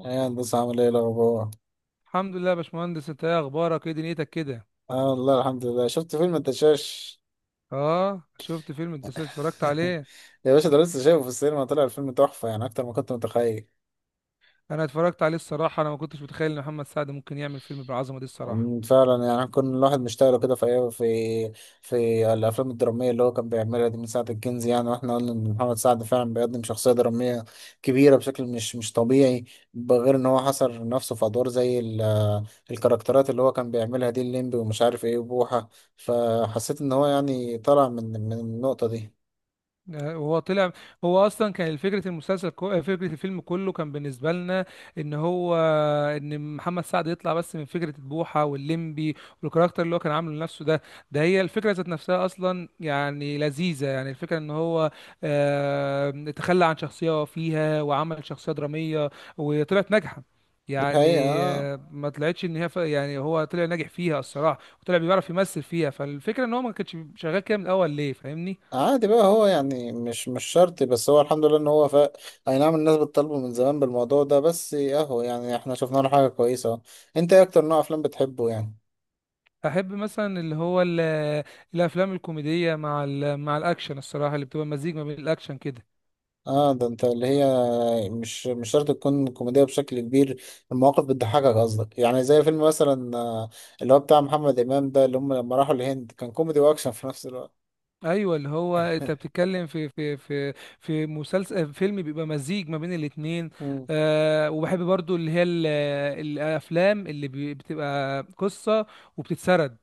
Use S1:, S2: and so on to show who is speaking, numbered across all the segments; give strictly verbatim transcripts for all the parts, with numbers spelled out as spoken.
S1: ايه هندسة؟ عامل ايه الأخبار؟
S2: الحمد لله يا باشمهندس، انت ايه اخبارك؟ ايه دنيتك كده؟
S1: اه، والله الحمد لله، شفت فيلم الدشاش.
S2: اه، شفت فيلم؟ انت اتفرجت عليه؟
S1: يا باشا ده لسه شايفه في السينما، طلع الفيلم تحفة يعني أكتر ما كنت متخيل.
S2: انا اتفرجت عليه الصراحه. انا ما كنتش متخيل ان محمد سعد ممكن يعمل فيلم بالعظمه دي الصراحه.
S1: أمم، فعلا، يعني كل الواحد مشتاق له كده في أيام- في في الأفلام الدرامية اللي هو كان بيعملها دي من ساعة الكنز، يعني واحنا قلنا إن محمد سعد فعلا بيقدم شخصية درامية كبيرة بشكل مش مش طبيعي، بغير إن هو حصر نفسه في أدوار زي ال- الكاركترات اللي هو كان بيعملها دي، الليمبي ومش عارف ايه وبوحة. فحسيت إن هو يعني طلع من من النقطة دي.
S2: هو طلع. هو اصلا كان فكره المسلسل كو... آه، فكره الفيلم كله كان بالنسبه لنا ان هو ان محمد سعد يطلع بس من فكره بوحه واللمبي، والكاركتر اللي هو كان عامله لنفسه ده. ده هي الفكره ذات نفسها اصلا، يعني لذيذه، يعني الفكره ان هو آه... تخلى عن شخصيه هو فيها وعمل شخصيه دراميه وطلعت ناجحه.
S1: دي حقيقة،
S2: يعني
S1: آه.
S2: آه، ما طلعتش ان هي ف... يعني هو طلع ناجح فيها الصراحه، وطلع بيعرف يمثل فيها. فالفكره ان هو ما كانش شغال كده من الاول ليه، فاهمني؟
S1: عادي بقى، هو يعني مش مش شرط، بس هو الحمد لله ان هو ف... اي نعم، الناس بتطالبه من زمان بالموضوع ده، بس اهو يعني احنا شفنا له حاجة كويسة أهو. انت ايه اكتر نوع افلام بتحبه يعني؟
S2: احب مثلا اللي هو ال- الافلام الكوميديه مع ال مع الاكشن الصراحه، اللي بتبقى مزيج ما بين الاكشن كده.
S1: اه، ده انت اللي هي مش مش شرط تكون كوميدية بشكل كبير، المواقف بتضحكك قصدك، يعني زي فيلم مثلا، آه، اللي هو بتاع محمد امام ده، اللي هم لما راحوا الهند، كان كوميدي واكشن في نفس الوقت.
S2: ايوه، اللي هو انت بتتكلم في في في في مسلسل فيلم بيبقى مزيج ما بين الاتنين.
S1: امم
S2: أه وبحب برضو اللي هي ال- الافلام اللي بي- بتبقى قصه وبتتسرد.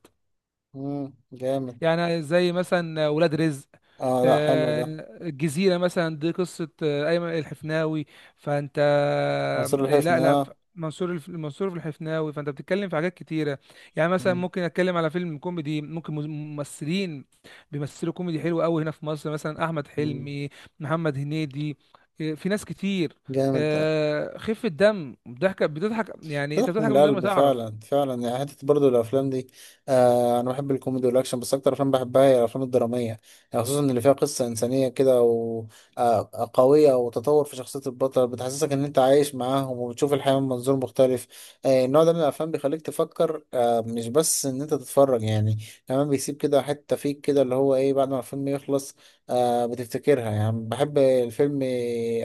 S1: امم جامد.
S2: يعني زي مثلا ولاد رزق.
S1: اه، لا حلو
S2: آه،
S1: ده.
S2: الجزيرة مثلا دي قصة آه، أيمن الحفناوي. فأنت آه،
S1: منصور
S2: لا
S1: الحفني،
S2: لا ف-
S1: اه.
S2: منصور الف- منصور في الحفناوي. فأنت بتتكلم في حاجات كتيرة. يعني مثلا
S1: مم.
S2: ممكن أتكلم على فيلم كوميدي، ممكن مز- ممثلين بيمثلوا كوميدي حلو قوي، هنا في مصر مثلا أحمد
S1: مم.
S2: حلمي، محمد هنيدي. آه، في ناس كتير.
S1: جامد.
S2: آه، خفة دم، ضحكة بتضحك، يعني أنت
S1: بتحكم
S2: بتضحك من غير ما
S1: القلب،
S2: تعرف.
S1: فعلا فعلا، يعني حتة برضو الأفلام دي. آه أنا بحب الكوميدي والأكشن، بس أكتر أفلام بحبها هي الأفلام الدرامية، يعني خصوصا اللي فيها قصة إنسانية كده، و آه آه، قوية، وتطور في شخصية البطل، بتحسسك إن أنت عايش معاهم وبتشوف الحياة من منظور مختلف. آه النوع ده من الأفلام بيخليك تفكر، آه مش بس إن أنت تتفرج يعني، كمان بيسيب كده حتة فيك، كده اللي هو إيه بعد ما الفيلم يخلص. آه بتفتكرها، يعني بحب الفيلم.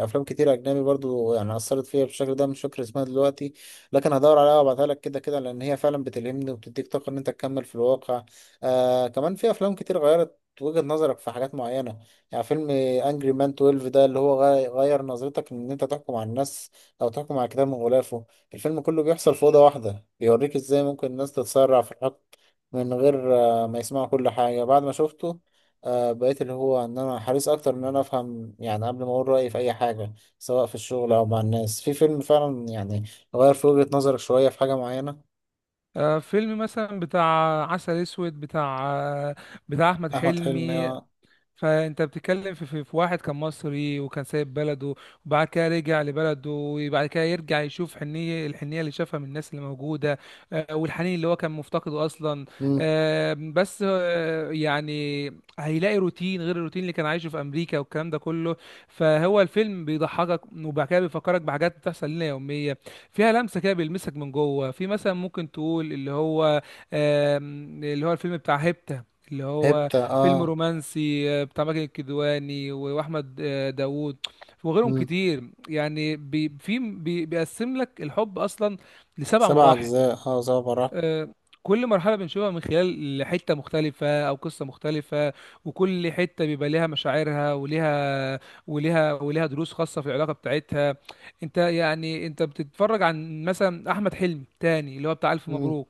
S1: أفلام كتير أجنبي برضو يعني أثرت فيا بالشكل ده، مش فاكر اسمها دلوقتي، لكن هدور عليها وابعتها لك، كده كده لان هي فعلا بتلهمني وبتديك طاقه ان انت تكمل في الواقع. آه كمان في افلام كتير غيرت وجهة نظرك في حاجات معينة. يعني فيلم انجري مان اثنا عشر ده، اللي هو غي- غير نظرتك ان انت تحكم على الناس، او تحكم على كتاب من غلافه. الفيلم كله بيحصل في أوضة واحدة، بيوريك ازاي ممكن الناس تتسرع في الحكم من غير آه، ما يسمعوا كل حاجة. بعد ما شفته آه، بقيت اللي هو ان انا حريص اكتر ان انا افهم، يعني قبل ما اقول رأيي في اي حاجة، سواء في الشغل او مع الناس. في فيلم فعلا يعني غير في وجهة نظرك شوية في حاجة معينة.
S2: آه، فيلم مثلا بتاع عسل اسود، بتاع آه، بتاع احمد
S1: أحمد حلمي،
S2: حلمي.
S1: اه.
S2: فانت بتتكلم في, في, في واحد كان مصري وكان سايب بلده. وبعد كده رجع لبلده، وبعد كده يرجع يشوف حنيه الحنيه اللي شافها من الناس اللي موجوده. آه، والحنين اللي هو كان مفتقده اصلا.
S1: مم.
S2: آه، بس آه، يعني هيلاقي روتين غير الروتين اللي كان عايشه في امريكا والكلام ده كله. فهو الفيلم بيضحكك وبعد كده بيفكرك بحاجات بتحصل لنا يوميه، فيها لمسه كده بيلمسك من جوه. في مثلا ممكن تقول اللي هو آم، اللي هو الفيلم بتاع هيبتا، اللي هو
S1: هبتة،
S2: فيلم
S1: اه.
S2: رومانسي، آه، بتاع ماجد الكدواني و- واحمد آه، داوود وغيرهم
S1: مم.
S2: كتير. يعني بي في بي بيقسم لك الحب اصلا لسبع
S1: سبع
S2: مراحل.
S1: أجزاء، اه زبرة.
S2: آه، كل مرحله بنشوفها من خلال حته مختلفه او قصه مختلفه، وكل حته بيبقى ليها مشاعرها وليها وليها وليها دروس خاصه في العلاقه بتاعتها. انت يعني انت بتتفرج عن مثلا احمد حلمي تاني، اللي هو بتاع الف
S1: مم.
S2: مبروك.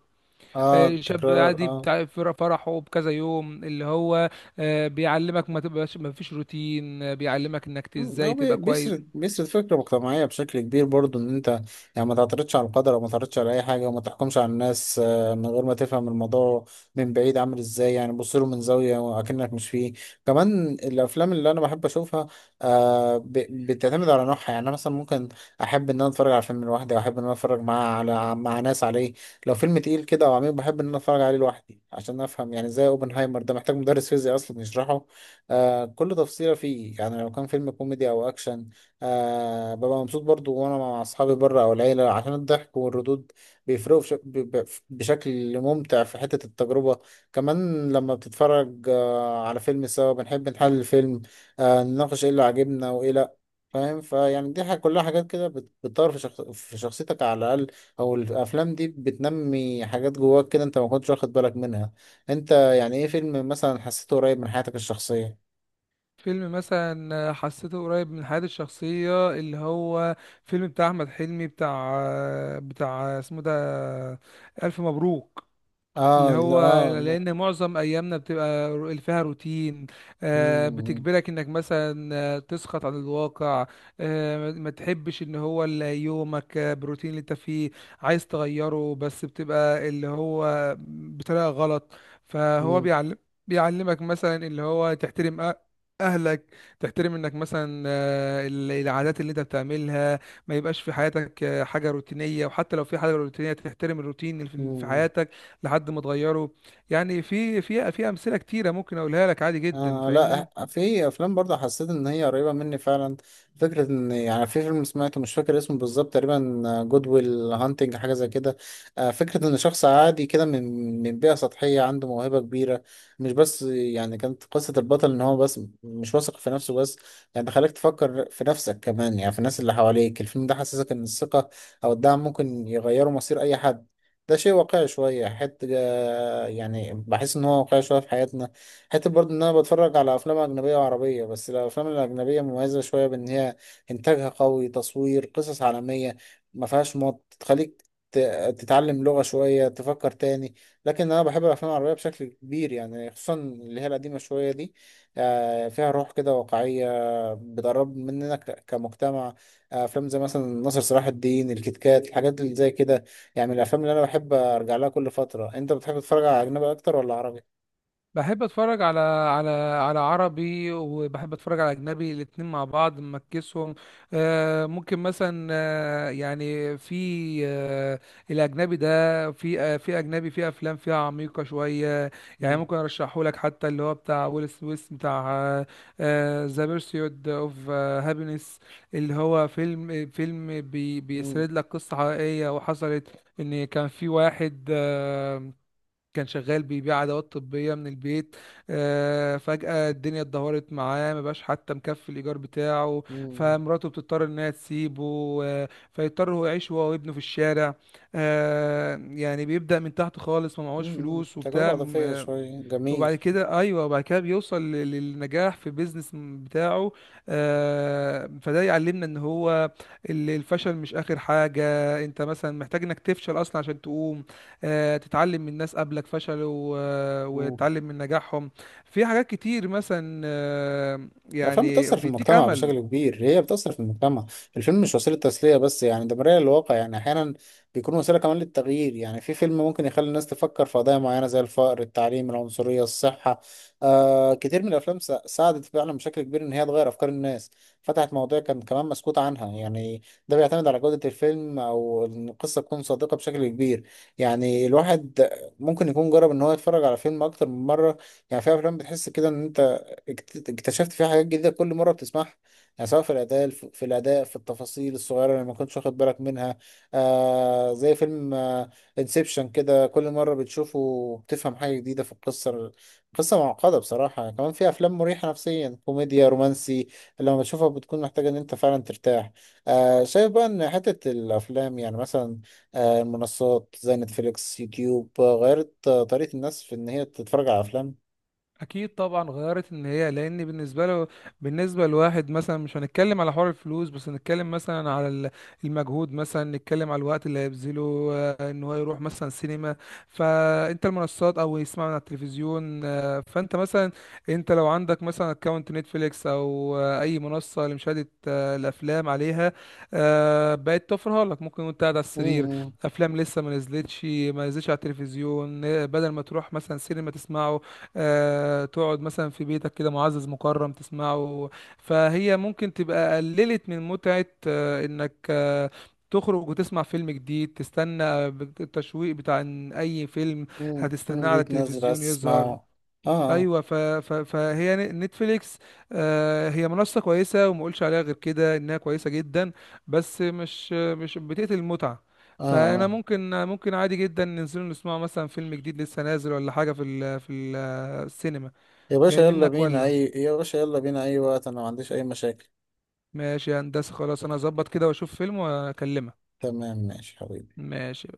S1: اه،
S2: آه، شاب
S1: التكرار،
S2: عادي
S1: اه.
S2: بتاع فر- فرحه بكذا يوم، اللي هو آه، بيعلمك ما تبقاش ما فيش روتين. آه، بيعلمك انك ت-
S1: مم، هو
S2: ازاي
S1: بي-
S2: تبقى كويس.
S1: بيسرد بيسرد فكرة مجتمعية بشكل كبير برضو، ان انت يعني ما تعترضش على القدر، او ما تعترضش على اي حاجة، وما تحكمش على الناس آه، من غير ما تفهم الموضوع، من بعيد عامل ازاي، يعني بص له من زاوية وأكنك مش فيه. كمان الافلام اللي انا بحب اشوفها آه، ب- بتعتمد على نوعها، يعني انا مثلا ممكن احب ان انا اتفرج على فيلم لوحدي، او احب ان انا اتفرج مع على مع ناس عليه. لو فيلم تقيل كده او عميق بحب ان انا اتفرج عليه لوحدي عشان افهم، يعني زي اوبنهايمر ده محتاج مدرس فيزياء اصلا يشرحه. آه كل تفصيلة فيه، يعني. لو كان فيلم كوميدي أو أكشن، آه ببقى مبسوط برضو وأنا مع أصحابي بره أو العيلة عشان الضحك والردود بيفرقوا بش- ب- ب- بشكل ممتع في حتة التجربة. كمان لما بتتفرج آه على فيلم سوا، بنحب نحلل الفيلم، آه نناقش إيه اللي عجبنا وإيه لأ. فاهم؟ فيعني دي حاجة، كلها حاجات كده بت- بتطور في, شخص... في شخصيتك على الأقل، أو الأفلام دي بتنمي حاجات جواك كده أنت ما كنتش واخد بالك منها. أنت يعني إيه فيلم مثلا حسيته قريب من حياتك الشخصية؟
S2: فيلم مثلا آه، حسيته قريب من حياتي الشخصية، اللي هو فيلم بتاع أحمد حلمي، بتاع آه، بتاع اسمه ده ألف مبروك. اللي
S1: اه لا،
S2: هو،
S1: اه لا.
S2: لان معظم ايامنا بتبقى رو- فيها روتين، آه،
S1: مم،
S2: بتجبرك انك مثلا آه، تسقط عن الواقع. آه، ما ما تحبش ان هو ال- يومك آه، بالروتين اللي انت فيه، عايز تغيره بس بتبقى اللي هو بطريقة غلط. فهو
S1: مم،
S2: بيعلم بيعلمك مثلا اللي هو تحترم أ- اهلك. تحترم انك مثلا آه، ال- العادات اللي انت بتعملها، ما يبقاش في حياتك آه، حاجة روتينية، وحتى لو في حاجة روتينية تحترم الروتين اللي في في
S1: مم.
S2: حياتك لحد ما اتغيروا. يعني في في في امثله كتيره ممكن اقولها لك عادي جدا،
S1: آه لا،
S2: فاهمني؟
S1: في افلام برضه حسيت ان هي قريبه مني فعلا. فكره ان، يعني في فيلم سمعته مش فاكر اسمه بالظبط، تقريبا جود ويل هانتنج، حاجه زي كده. آه فكره ان شخص عادي كده من من بيئه سطحيه عنده موهبه كبيره، مش بس. يعني كانت قصه البطل ان هو بس مش واثق في نفسه، بس يعني خليك تفكر في نفسك كمان، يعني في الناس اللي حواليك. الفيلم ده حسسك ان الثقه او الدعم ممكن يغيروا مصير اي حد. ده شيء واقعي شويه، حته آه، يعني بحس ان هو واقعي شويه في حياتنا. حتى برضه ان انا بتفرج على افلام اجنبيه وعربيه، بس الافلام الاجنبيه مميزه شويه بان هي انتاجها قوي، تصوير قصص عالميه، ما فيهاش مط تخليك ت- تتعلم لغه شويه، تفكر تاني. لكن انا بحب الافلام العربيه بشكل كبير، يعني خصوصا اللي هي القديمه شويه دي، آه، فيها روح كده واقعيه، بتقرب مننا ك- كمجتمع. آه، افلام زي مثلا ناصر صلاح الدين، الكتكات، الحاجات اللي زي كده، يعني من الافلام اللي انا بحب ارجع لها كل فتره. انت بتحب تتفرج على اجنبي اكتر ولا عربي؟
S2: بحب اتفرج على على على عربي وبحب اتفرج على اجنبي، الاتنين مع بعض مكسهم. آه، ممكن مثلا آه، يعني في آه، الاجنبي ده في آه، في اجنبي، في افلام فيها عميقة شوية. يعني
S1: مم.
S2: ممكن ارشحه لك، حتى اللي هو بتاع ويل سميث، بتاع ذا بيرسيود اوف هابينس. اللي هو فيلم فيلم بي
S1: مم.
S2: بيسرد لك قصة حقيقية وحصلت. ان كان في واحد كان شغال بيبيع ادوات طبيه من البيت. آه، فجاه الدنيا اتدهورت معاه، ما بقاش حتى مكفي الايجار بتاعه،
S1: مم.
S2: فمراته بتضطر انها تسيبه. آه، فيضطر هو يعيش هو وابنه في الشارع. آه، يعني بيبدا من تحت خالص، ما معهوش
S1: مم.
S2: فلوس
S1: تجربة
S2: وبتاع.
S1: عاطفية
S2: آه،
S1: شوية،
S2: وبعد
S1: جميل.
S2: كده ايوه، وبعد كده بيوصل لل- للنجاح في بيزنس بتاعه. آه، فده يعلمنا ان هو ال- الفشل مش اخر حاجه. انت مثلا محتاج انك تفشل اصلا عشان تقوم، آه، تتعلم من ناس قبلك فشلوا، آه،
S1: مم.
S2: وتتعلم من نجاحهم. في حاجات كتير مثلا، آه،
S1: الأفلام
S2: يعني
S1: بتأثر في
S2: بيديك
S1: المجتمع
S2: امل.
S1: بشكل كبير، هي بتأثر في المجتمع. الفيلم مش وسيلة تسلية بس، يعني ده مراية للواقع، يعني أحيانا بيكون وسيلة كمان للتغيير. يعني في فيلم ممكن يخلي الناس تفكر في قضايا معينة زي الفقر، التعليم، العنصرية، الصحة. آه كتير من الأفلام سا- ساعدت فعلا بشكل كبير إن هي تغير أفكار الناس، فتحت مواضيع كان كمان مسكوت عنها، يعني ده بيعتمد على جودة الفيلم أو إن القصة تكون صادقة بشكل كبير. يعني الواحد ممكن يكون جرب إن هو يتفرج على فيلم أكتر من مرة. يعني في أفلام بتحس كده إن أنت اكت- اكتشفت فيها حاجات جديدة كل مرة بتسمعها، يعني سواء في الأداء، في الأداء في التفاصيل الصغيرة اللي ما كنتش واخد بالك منها. آه زي فيلم انسبشن كده، كل مرة بتشوفه بتفهم حاجة جديدة في القصة. قصة معقدة بصراحة. كمان في أفلام مريحة نفسيا، كوميديا، رومانسي، لما بتشوفها بتكون محتاجة إن أنت فعلا ترتاح. آه شايف بقى إن حتة الأفلام، يعني مثلا آه المنصات زي نتفليكس، يوتيوب، آه، غيرت آه، طريقة الناس في إن هي تتفرج على
S2: اكيد طبعا غيرت ان هي. لان بالنسبه له بالنسبه لواحد مثلا، مش هنتكلم على حوار الفلوس، بس هنتكلم مثلا على ال- المجهود، مثلا نتكلم على الوقت اللي هيبذله آه، ان هو يروح مثلا سينما. فانت المنصات، او يسمع من على التلفزيون. آه، فانت مثلا انت لو عندك مثلا اكونت نتفليكس او آه، اي منصه لمشاهده آه، الافلام عليها، آه، بقت توفرها لك ممكن وانت قاعد على السرير.
S1: أفلام؟
S2: افلام لسه ما نزلتش ما نزلتش على التلفزيون. آه، بدل ما تروح مثلا سينما تسمعه، آه، تقعد مثلا في بيتك كده معزز مكرم تسمعه. فهي ممكن تبقى قللت من متعة آه، انك آه، تخرج وتسمع فيلم جديد، تستنى بت- التشويق بتاع إن اي فيلم
S1: مم،
S2: هتستناه على
S1: جيت نازل عايز
S2: التلفزيون يظهر.
S1: تسمعه. اه اه،
S2: ايوه. ف... ف... فهي ن- نتفليكس، آه هي منصه كويسه، وما اقولش عليها غير كده انها كويسه جدا. بس مش مش بتقتل المتعه.
S1: اه
S2: فانا
S1: اه.
S2: ممكن ممكن عادي جدا ننزل نسمع مثلا فيلم جديد لسه نازل ولا حاجه في ال... في ال- السينما.
S1: يا باشا
S2: جاي
S1: يلا
S2: منك
S1: بينا
S2: ولا؟
S1: اي يا باشا يلا بينا، اي وقت، انا ما عنديش اي مشاكل.
S2: ماشي يا هندسه، خلاص، انا هظبط كده واشوف فيلم واكلمك.
S1: تمام، ماشي حبيبي.
S2: ماشي.